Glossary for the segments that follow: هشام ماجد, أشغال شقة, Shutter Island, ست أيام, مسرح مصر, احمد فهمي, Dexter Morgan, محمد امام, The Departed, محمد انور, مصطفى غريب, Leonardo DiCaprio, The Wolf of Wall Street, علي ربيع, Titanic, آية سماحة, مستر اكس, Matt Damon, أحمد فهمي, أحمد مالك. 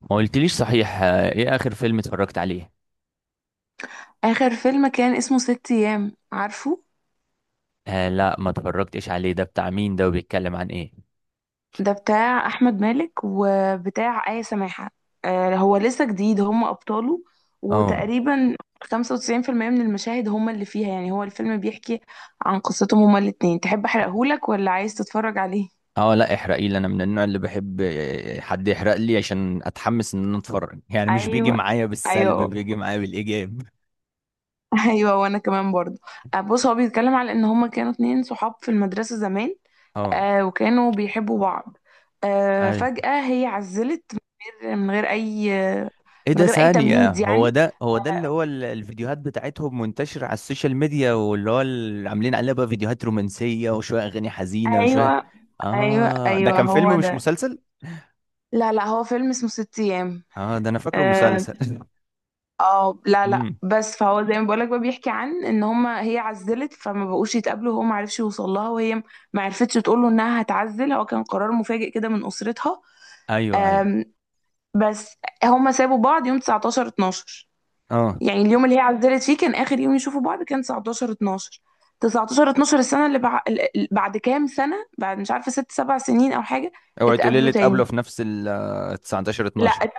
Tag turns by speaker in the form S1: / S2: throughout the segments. S1: ما قلتليش صحيح ايه اخر فيلم اتفرجت عليه؟
S2: آخر فيلم كان اسمه ست أيام، عارفه؟
S1: آه، لا ما اتفرجتش عليه. ده بتاع مين؟ ده وبيتكلم عن ايه؟
S2: ده بتاع أحمد مالك وبتاع آية سماحة. آه، هو لسه جديد هم أبطاله.
S1: اه.
S2: وتقريبا 95% من المشاهد هم اللي فيها. يعني هو الفيلم بيحكي عن قصتهم هما الاتنين. تحب أحرقهولك ولا عايز تتفرج عليه؟
S1: اه، لا احرقي لي. انا من النوع اللي بحب حد يحرق لي عشان اتحمس ان انا اتفرج، يعني مش بيجي
S2: أيوه.
S1: معايا بالسلب،
S2: أيوه.
S1: بيجي معايا بالايجاب.
S2: أيوه، وأنا كمان برضه. بص، هو بيتكلم على إن هما كانوا اتنين صحاب في المدرسة زمان.
S1: اه،
S2: آه، وكانوا بيحبوا بعض. آه،
S1: ايوه.
S2: فجأة هي عزلت من غير أي،
S1: ايه
S2: من
S1: ده؟
S2: غير أي
S1: ثانية،
S2: تمهيد
S1: هو
S2: يعني.
S1: ده هو ده اللي هو الفيديوهات بتاعتهم منتشرة على السوشيال ميديا، واللي هو اللي عاملين عليها بقى فيديوهات رومانسية وشوية اغاني حزينة وشوية.
S2: ايوه. ايوه
S1: اه، ده
S2: ايوه،
S1: كان
S2: هو
S1: فيلم مش
S2: ده.
S1: مسلسل؟
S2: لا لا، هو فيلم اسمه ست أيام.
S1: اه، ده انا فاكره
S2: اه.
S1: مسلسل.
S2: لا لا،
S1: امم،
S2: بس فهو زي ما بقولك بقى، بيحكي عن ان هما هي عزلت فما بقوش يتقابلوا، هو ما عرفش يوصل لها وهي ما عرفتش تقول له انها هتعزل. هو كان قرار مفاجئ كده من اسرتها.
S1: ايوه ايوه.
S2: آم، بس هما سابوا بعض يوم 19 12.
S1: اه.
S2: يعني اليوم اللي هي عزلت فيه كان اخر يوم يشوفوا بعض، كان 19 12. 19 12 السنه اللي بعد كام سنه، بعد مش عارفه، ست سبع سنين او حاجه.
S1: اوعي تقولي لي
S2: اتقابلوا تاني.
S1: اتقابلوا في نفس ال 19
S2: لا
S1: 12!
S2: ات...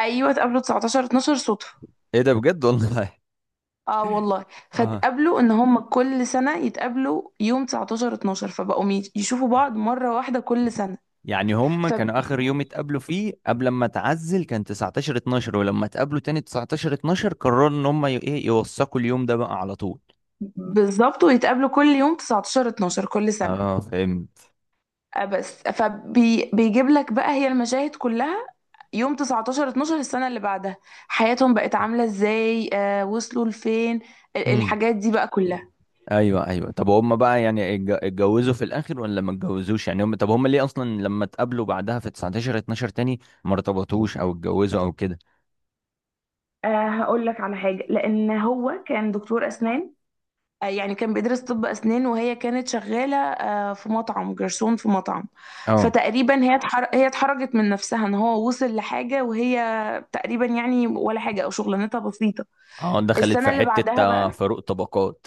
S2: ايوه، اتقابلوا 19 12 صدفه.
S1: ايه ده؟ بجد والله؟
S2: اه والله.
S1: اه.
S2: فاتقابلوا ان هم كل سنه يتقابلوا يوم 19 12، فبقوا يشوفوا بعض مره واحده كل سنه.
S1: يعني هم كانوا اخر يوم اتقابلوا فيه قبل ما اتعزل كان 19 12، ولما اتقابلوا تاني 19 12 قرروا ان هم ايه يوثقوا اليوم ده بقى على طول.
S2: فبالظبط، ويتقابلوا كل يوم 19 12 كل سنه.
S1: اه، فهمت.
S2: آه، بس فبيجيب لك بقى هي المشاهد كلها يوم 19 12 السنة اللي بعدها، حياتهم بقت عاملة ازاي، آه، وصلوا لفين،
S1: امم،
S2: الحاجات دي بقى كلها.
S1: ايوه ايوه. طب هم بقى يعني اتجوزوا في الاخر ولا ما اتجوزوش؟ يعني هم، طب هم ليه اصلا لما اتقابلوا بعدها في 19 12 تاني ما ارتبطوش او اتجوزوا او كده؟
S2: أه، هقول لك على حاجة. لأن هو كان دكتور أسنان، آه، يعني كان بيدرس طب أسنان، وهي كانت شغالة آه، في مطعم، جرسون في مطعم.
S1: اه.
S2: فتقريبا هي هي اتحرجت من نفسها ان هو وصل لحاجة وهي تقريبا يعني ولا حاجة، او شغلانتها بسيطة.
S1: اه، دخلت
S2: السنة
S1: في
S2: اللي
S1: حتة
S2: بعدها بقى.
S1: فاروق طبقات.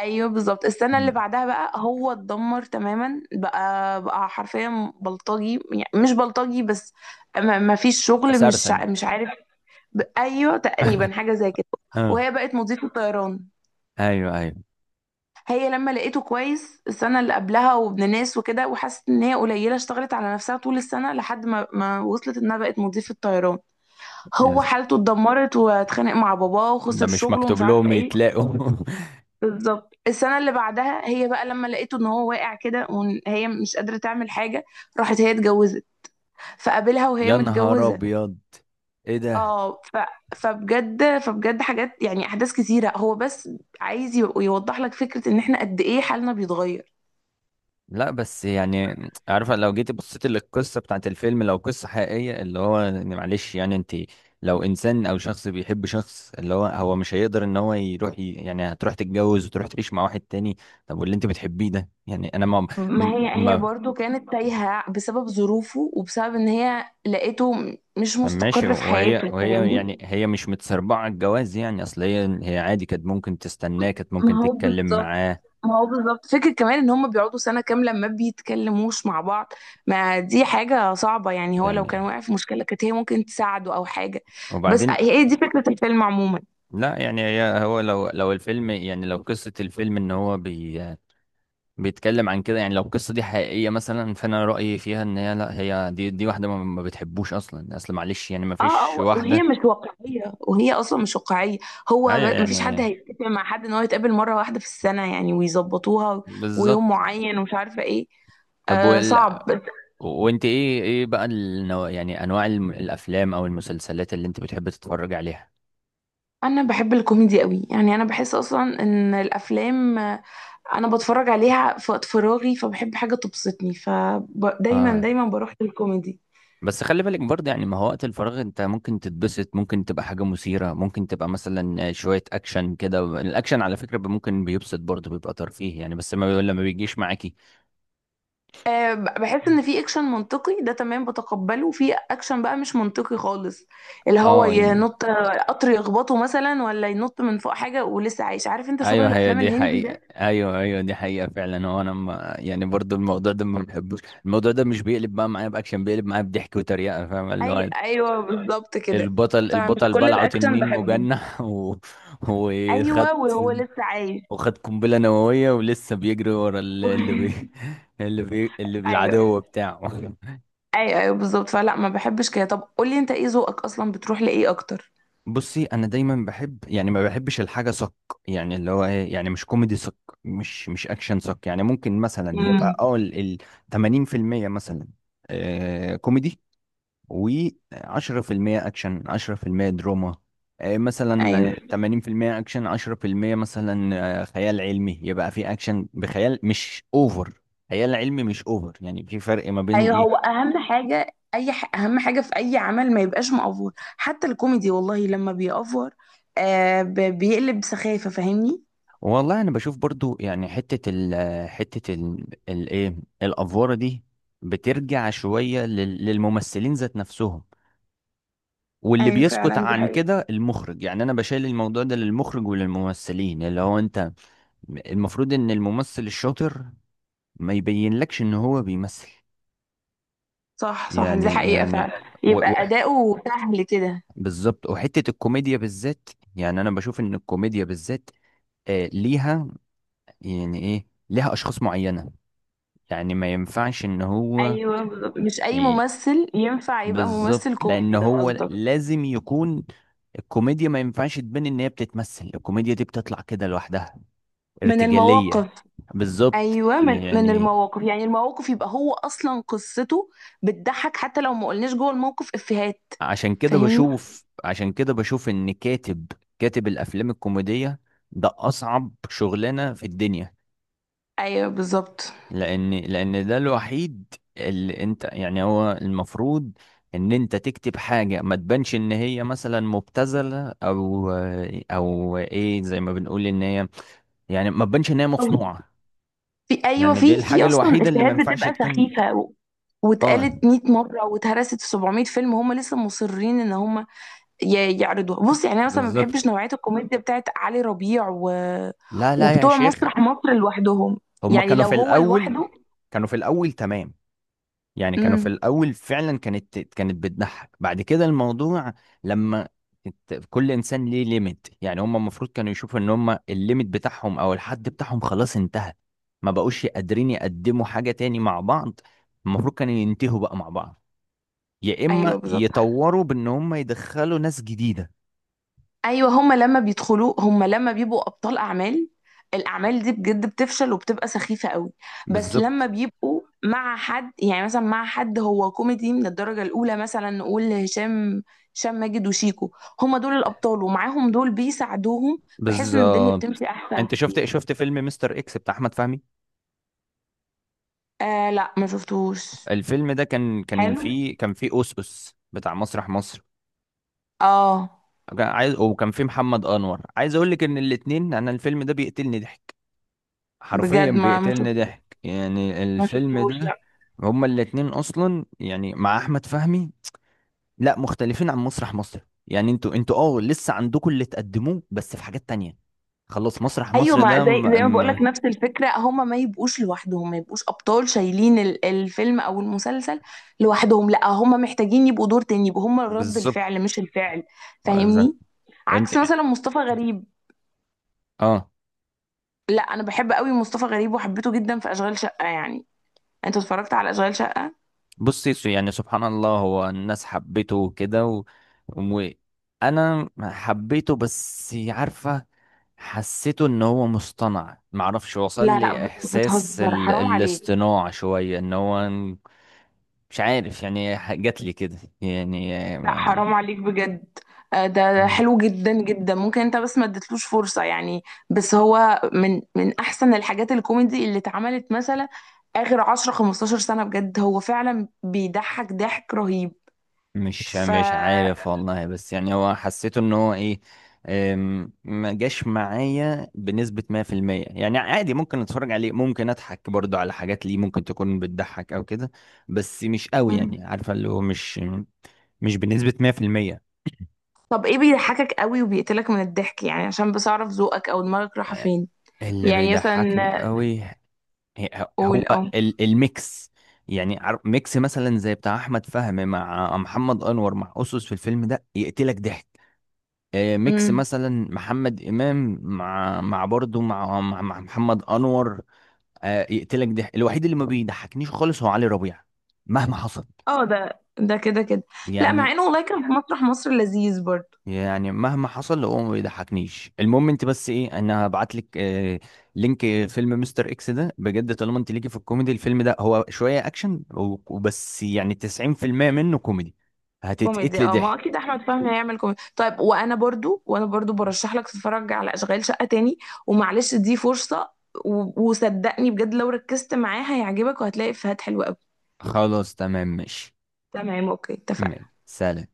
S2: ايوه بالظبط، السنه اللي
S1: مم.
S2: بعدها بقى هو اتدمر تماما، بقى حرفيا بلطجي، يعني مش بلطجي بس، ما فيش شغل، مش
S1: سرسج.
S2: مش عارف. ايوه، تقريبا حاجه زي كده.
S1: اه،
S2: وهي بقت مضيفه طيران.
S1: ايوه ايوه.
S2: هي لما لقيته كويس السنه اللي قبلها وابن ناس وكده، وحست ان هي قليله، اشتغلت على نفسها طول السنه لحد ما وصلت انها بقت مضيفه طيران.
S1: يا
S2: هو
S1: س-
S2: حالته اتدمرت، واتخانق مع باباه،
S1: ده
S2: وخسر
S1: مش
S2: شغله، ومش
S1: مكتوب
S2: عارفه
S1: لهم
S2: ايه.
S1: يتلاقوا.
S2: بالظبط، السنة اللي بعدها هي بقى لما لقيته ان هو واقع كده، وهي مش قادرة تعمل حاجة، راحت هي اتجوزت. فقابلها وهي
S1: يا نهار
S2: متجوزة.
S1: ابيض! ايه ده؟
S2: اه فبجد، فبجد حاجات يعني احداث كتيرة، هو بس عايز يوضح لك فكرة ان احنا قد ايه حالنا بيتغير.
S1: لا بس، يعني عارفه، لو جيت بصيت للقصه بتاعت الفيلم، لو قصه حقيقيه، اللي هو يعني، معلش، يعني انت، لو انسان او شخص بيحب شخص، اللي هو مش هيقدر ان هو يروح يعني هتروح تتجوز وتروح تعيش مع واحد تاني. طب واللي انت بتحبيه ده، يعني انا ما
S2: ما مم. هي هي
S1: ما
S2: برضو كانت تايهة بسبب ظروفه، وبسبب ان هي لقيته مش
S1: طب ماشي.
S2: مستقر في
S1: وهي
S2: حياته،
S1: وهي يعني
S2: فاهمني؟
S1: هي مش متسربعة على الجواز، يعني اصل هي عادي، كانت ممكن تستناه، كانت
S2: ما
S1: ممكن
S2: هو
S1: تتكلم
S2: بالظبط.
S1: معاه.
S2: ما هو بالظبط، فكرة كمان ان هم بيقعدوا سنة كاملة ما بيتكلموش مع بعض. ما دي حاجة صعبة يعني، هو لو
S1: يعني،
S2: كان واقع في مشكلة كانت هي ممكن تساعده او حاجة. بس
S1: وبعدين...
S2: هي دي فكرة الفيلم عموما.
S1: لا يعني هي هو، لو الفيلم، يعني لو قصة الفيلم ان هو بي... بيتكلم عن كده، يعني لو القصة دي حقيقية مثلا، فانا رأيي فيها ان هي لا. هي دي واحدة ما بتحبوش اصلا. اصل معلش، يعني ما
S2: اه
S1: فيش
S2: اه، وهي
S1: واحدة.
S2: مش واقعية، وهي اصلا مش واقعية.
S1: ايوه،
S2: مفيش حد
S1: يعني
S2: هيتفق مع حد ان هو يتقابل مرة واحدة في السنة يعني، ويظبطوها ويوم
S1: بالظبط.
S2: معين ومش عارفة ايه.
S1: طب
S2: آه،
S1: وال...
S2: صعب.
S1: وانت، ايه بقى النوع، يعني انواع الافلام او المسلسلات اللي انت بتحب تتفرج عليها؟
S2: انا بحب الكوميدي قوي. يعني انا بحس اصلا ان الافلام، آه، انا بتفرج عليها في وقت فراغي، فبحب حاجه تبسطني، فدايما
S1: اه،
S2: دايما بروح للكوميدي.
S1: بس خلي بالك برضه، يعني ما هو وقت الفراغ انت ممكن تتبسط، ممكن تبقى حاجة مثيرة، ممكن تبقى مثلا شوية اكشن كده. الاكشن على فكرة ممكن بيبسط برضه، بيبقى ترفيه يعني، بس ما لما بيجيش معاكي.
S2: آه، بحس ان في اكشن منطقي ده تمام بتقبله، وفي اكشن بقى مش منطقي خالص، اللي هو
S1: اه يعني،
S2: ينط آه، قطر يخبطه مثلا ولا ينط من فوق حاجه ولسه عايش، عارف انت شغل
S1: ايوه. هي
S2: الافلام
S1: دي
S2: الهندي
S1: حقيقة.
S2: ده.
S1: ايوه ايوه، دي حقيقة فعلا. هو انا ما يعني، برضه الموضوع ده ما بحبوش. الموضوع ده مش بيقلب بقى معايا باكشن، بيقلب معايا بضحك وتريقة. فاهم، اللي هو
S2: ايوه بالظبط كده.
S1: البطل
S2: فمش
S1: البطل
S2: كل
S1: بلعه
S2: الاكشن
S1: تنين
S2: بحبه.
S1: مجنح و... وخد
S2: ايوه، وهو لسه عايش.
S1: وخد قنبلة نووية ولسه بيجري ورا اللي بي... اللي
S2: ايوه
S1: بالعدو بتاعه.
S2: ايوه ايوه بالظبط. فلا، ما بحبش كده. طب قولي انت ايه ذوقك اصلا، بتروح لايه اكتر؟
S1: بصي، انا دايما بحب، يعني ما بحبش الحاجة صك. يعني اللي هو ايه، يعني مش كوميدي صك، مش اكشن صك. يعني ممكن مثلا يبقى
S2: امم.
S1: اه، 80% مثلا، آه كوميدي، و10% اكشن، 10% دراما. آه،
S2: ايوه
S1: مثلا 80% اكشن، 10% مثلا، آه، خيال علمي. يبقى في اكشن بخيال مش اوفر، خيال علمي مش اوفر، يعني في فرق ما بين
S2: ايوه، هو
S1: ايه.
S2: اهم حاجه اهم حاجه في اي عمل ما يبقاش مأفور، حتى الكوميدي والله لما بيأفور، آه بيقلب سخافه، فاهمني؟
S1: والله انا بشوف برضو، يعني حتة ال آه، حتة ال ال- ايه الافوارة دي بترجع شوية للممثلين ذات نفسهم، واللي
S2: ايوه
S1: بيسكت
S2: فعلا، دي
S1: عن
S2: حقيقه.
S1: كده المخرج. يعني انا بشيل الموضوع ده للمخرج وللممثلين، اللي هو انت. المفروض ان الممثل الشاطر ما يبينلكش ان هو بيمثل.
S2: صح صح، دي
S1: يعني
S2: حقيقه
S1: يعني،
S2: فعلا.
S1: و... و...
S2: يبقى اداؤه سهل كده.
S1: بالظبط. وحتة الكوميديا بالذات، يعني انا بشوف ان الكوميديا بالذات ليها، يعني ايه، ليها اشخاص معينة. يعني ما ينفعش ان هو
S2: ايوه بالظبط، مش اي
S1: ي...
S2: ممثل ينفع يبقى ممثل
S1: بالظبط. لان
S2: كوميدي، ده
S1: هو
S2: قصدك.
S1: لازم يكون الكوميديا ما ينفعش تبان ان هي بتتمثل. الكوميديا دي بتطلع كده لوحدها،
S2: من
S1: ارتجالية.
S2: المواقف.
S1: بالظبط،
S2: ايوه، من
S1: يعني
S2: المواقف، يعني المواقف يبقى هو اصلا قصته بتضحك حتى لو ما قلناش جوه الموقف افيهات،
S1: عشان كده
S2: فاهمني؟
S1: بشوف عشان كده بشوف ان كاتب الافلام الكوميديه ده اصعب شغلانه في الدنيا.
S2: ايوه بالظبط.
S1: لان ده الوحيد اللي انت، يعني هو المفروض ان انت تكتب حاجه ما تبانش ان هي مثلا مبتذله او، او ايه، زي ما بنقول ان هي، يعني ما تبانش ان هي
S2: أو،
S1: مصنوعه.
S2: في، ايوه،
S1: يعني دي
S2: في
S1: الحاجه
S2: اصلا
S1: الوحيده اللي ما
S2: افيهات
S1: ينفعش
S2: بتبقى
S1: تكون.
S2: سخيفه و-
S1: اه،
S2: واتقالت 100 مره، واتهرست في 700 فيلم، هم لسه مصرين ان هم يعرضوها. بص يعني انا مثلا ما بحبش
S1: بالظبط.
S2: نوعيه الكوميديا بتاعت علي ربيع، و...
S1: لا لا يا
S2: وبتوع
S1: شيخ!
S2: مسرح مصر لوحدهم،
S1: هما
S2: يعني
S1: كانوا
S2: لو
S1: في
S2: هو
S1: الاول،
S2: لوحده.
S1: كانوا في الاول تمام. يعني كانوا في
S2: امم.
S1: الأول فعلا، كانت بتضحك. بعد كده الموضوع لما كل إنسان ليه ليميت. يعني هم المفروض كانوا يشوفوا إن هم الليميت بتاعهم أو الحد بتاعهم خلاص انتهى. ما بقوش قادرين يقدموا حاجة تاني مع بعض. المفروض كانوا ينتهوا بقى مع بعض، يا
S2: ايوه
S1: إما
S2: بالظبط.
S1: يطوروا بإن هم يدخلوا ناس جديدة.
S2: ايوه، هما لما بيدخلوا، هما لما بيبقوا ابطال اعمال، الاعمال دي بجد بتفشل وبتبقى سخيفه قوي. بس لما
S1: بالظبط
S2: بيبقوا مع حد، يعني مثلا مع حد هو كوميدي من الدرجه الاولى، مثلا نقول هشام، هشام ماجد وشيكو، هما دول الابطال، ومعاهم دول بيساعدوهم، بحيث ان الدنيا
S1: بالظبط.
S2: بتمشي احسن
S1: انت شفت
S2: كتير.
S1: شفت فيلم مستر اكس بتاع احمد فهمي؟
S2: آه لا، ما شفتوش.
S1: الفيلم ده كان كان
S2: حلو.
S1: فيه كان فيه اوس اوس بتاع مسرح مصر،
S2: اه
S1: كان عايز، وكان في محمد انور. عايز اقول لك ان الاتنين، انا الفيلم ده بيقتلني ضحك. حرفيا
S2: بجد، ما شفت،
S1: بيقتلني ضحك يعني
S2: ما
S1: الفيلم
S2: شفتوش
S1: ده.
S2: لا.
S1: هما الاتنين اصلا، يعني مع احمد فهمي، لا، مختلفين عن مسرح مصر. يعني انتوا اه لسه عندكم اللي تقدموه، بس في حاجات تانية. خلاص، مسرح
S2: ايوه،
S1: مصر
S2: ما
S1: ده م...
S2: زي ما بقولك،
S1: م...
S2: نفس الفكره، هما ما يبقوش لوحدهم، ما يبقوش ابطال شايلين الفيلم او المسلسل لوحدهم، لا هما محتاجين يبقوا دور تاني، يبقوا هما رد
S1: بالظبط.
S2: الفعل مش الفعل،
S1: ده
S2: فاهمني؟
S1: انت.
S2: عكس مثلا مصطفى غريب.
S1: اه.
S2: لا، انا بحب قوي مصطفى غريب، وحبيته جدا في اشغال شقه يعني. انت اتفرجت على اشغال شقه؟
S1: بصي، يعني سبحان الله، هو الناس حبيته وكده و... وانا حبيته بس، عارفه، حسيته ان هو مصطنع، معرفش، وصل
S2: لا لا،
S1: لي احساس
S2: بتهزر، حرام عليك.
S1: الاصطناع شويه ان هو... مش عارف يعني، جات لي كده يعني.
S2: لا، حرام عليك بجد. آه، ده ده حلو جدا جدا، ممكن انت بس ما اديتلوش فرصة يعني. بس هو من احسن الحاجات الكوميدي اللي اتعملت، مثلا اخر 10 15 سنة بجد. هو فعلا بيضحك ضحك رهيب.
S1: مش
S2: ف.
S1: مش عارف والله، بس يعني هو حسيته ان هو ايه. ما جاش معايا بنسبة 100%. يعني عادي، ممكن اتفرج عليه، ممكن اضحك برضو على حاجات ليه ممكن تكون بتضحك او كده. بس مش قوي،
S2: مم.
S1: يعني عارفة اللي هو مش، مش بنسبة 100%.
S2: طب ايه بيضحكك قوي وبيقتلك من الضحك، يعني عشان بس اعرف ذوقك او دماغك رايحة
S1: أه،
S2: فين؟
S1: اللي
S2: يعني
S1: بيضحكني
S2: مثلا،
S1: قوي، هو
S2: قول اه.
S1: الميكس. يعني ميكس مثلا زي بتاع احمد فهمي مع محمد انور مع اسس في الفيلم ده، يقتلك ضحك. ميكس
S2: امم.
S1: مثلا محمد امام مع برضه مع محمد انور، يقتلك. ده الوحيد اللي ما بيضحكنيش خالص هو علي ربيع، مهما حصل.
S2: اه ده ده كده كده. لا،
S1: يعني
S2: مع انه والله كان في مسرح مصر لذيذ برضه.
S1: يعني مهما حصل هو ما بيضحكنيش. المهم انت، بس ايه، انا هبعت لك لينك فيلم مستر اكس ده بجد. طالما انت ليكي في الكوميدي، الفيلم ده هو شويه اكشن وبس، يعني 90% منه كوميدي،
S2: كوميدي
S1: هتتقتلي
S2: اه، ما
S1: ضحك.
S2: اكيد احمد فهمي هيعمل كوميدي طيب. وانا برضو، وانا برضو برشح لك تتفرج على اشغال شقة تاني، ومعلش دي فرصة، وصدقني بجد لو ركزت معاه هيعجبك، وهتلاقي افيهات حلوة قوي.
S1: خلاص تمام ماشي.
S2: تمام، اوكي،
S1: تمام.
S2: اتفقنا.
S1: سلام.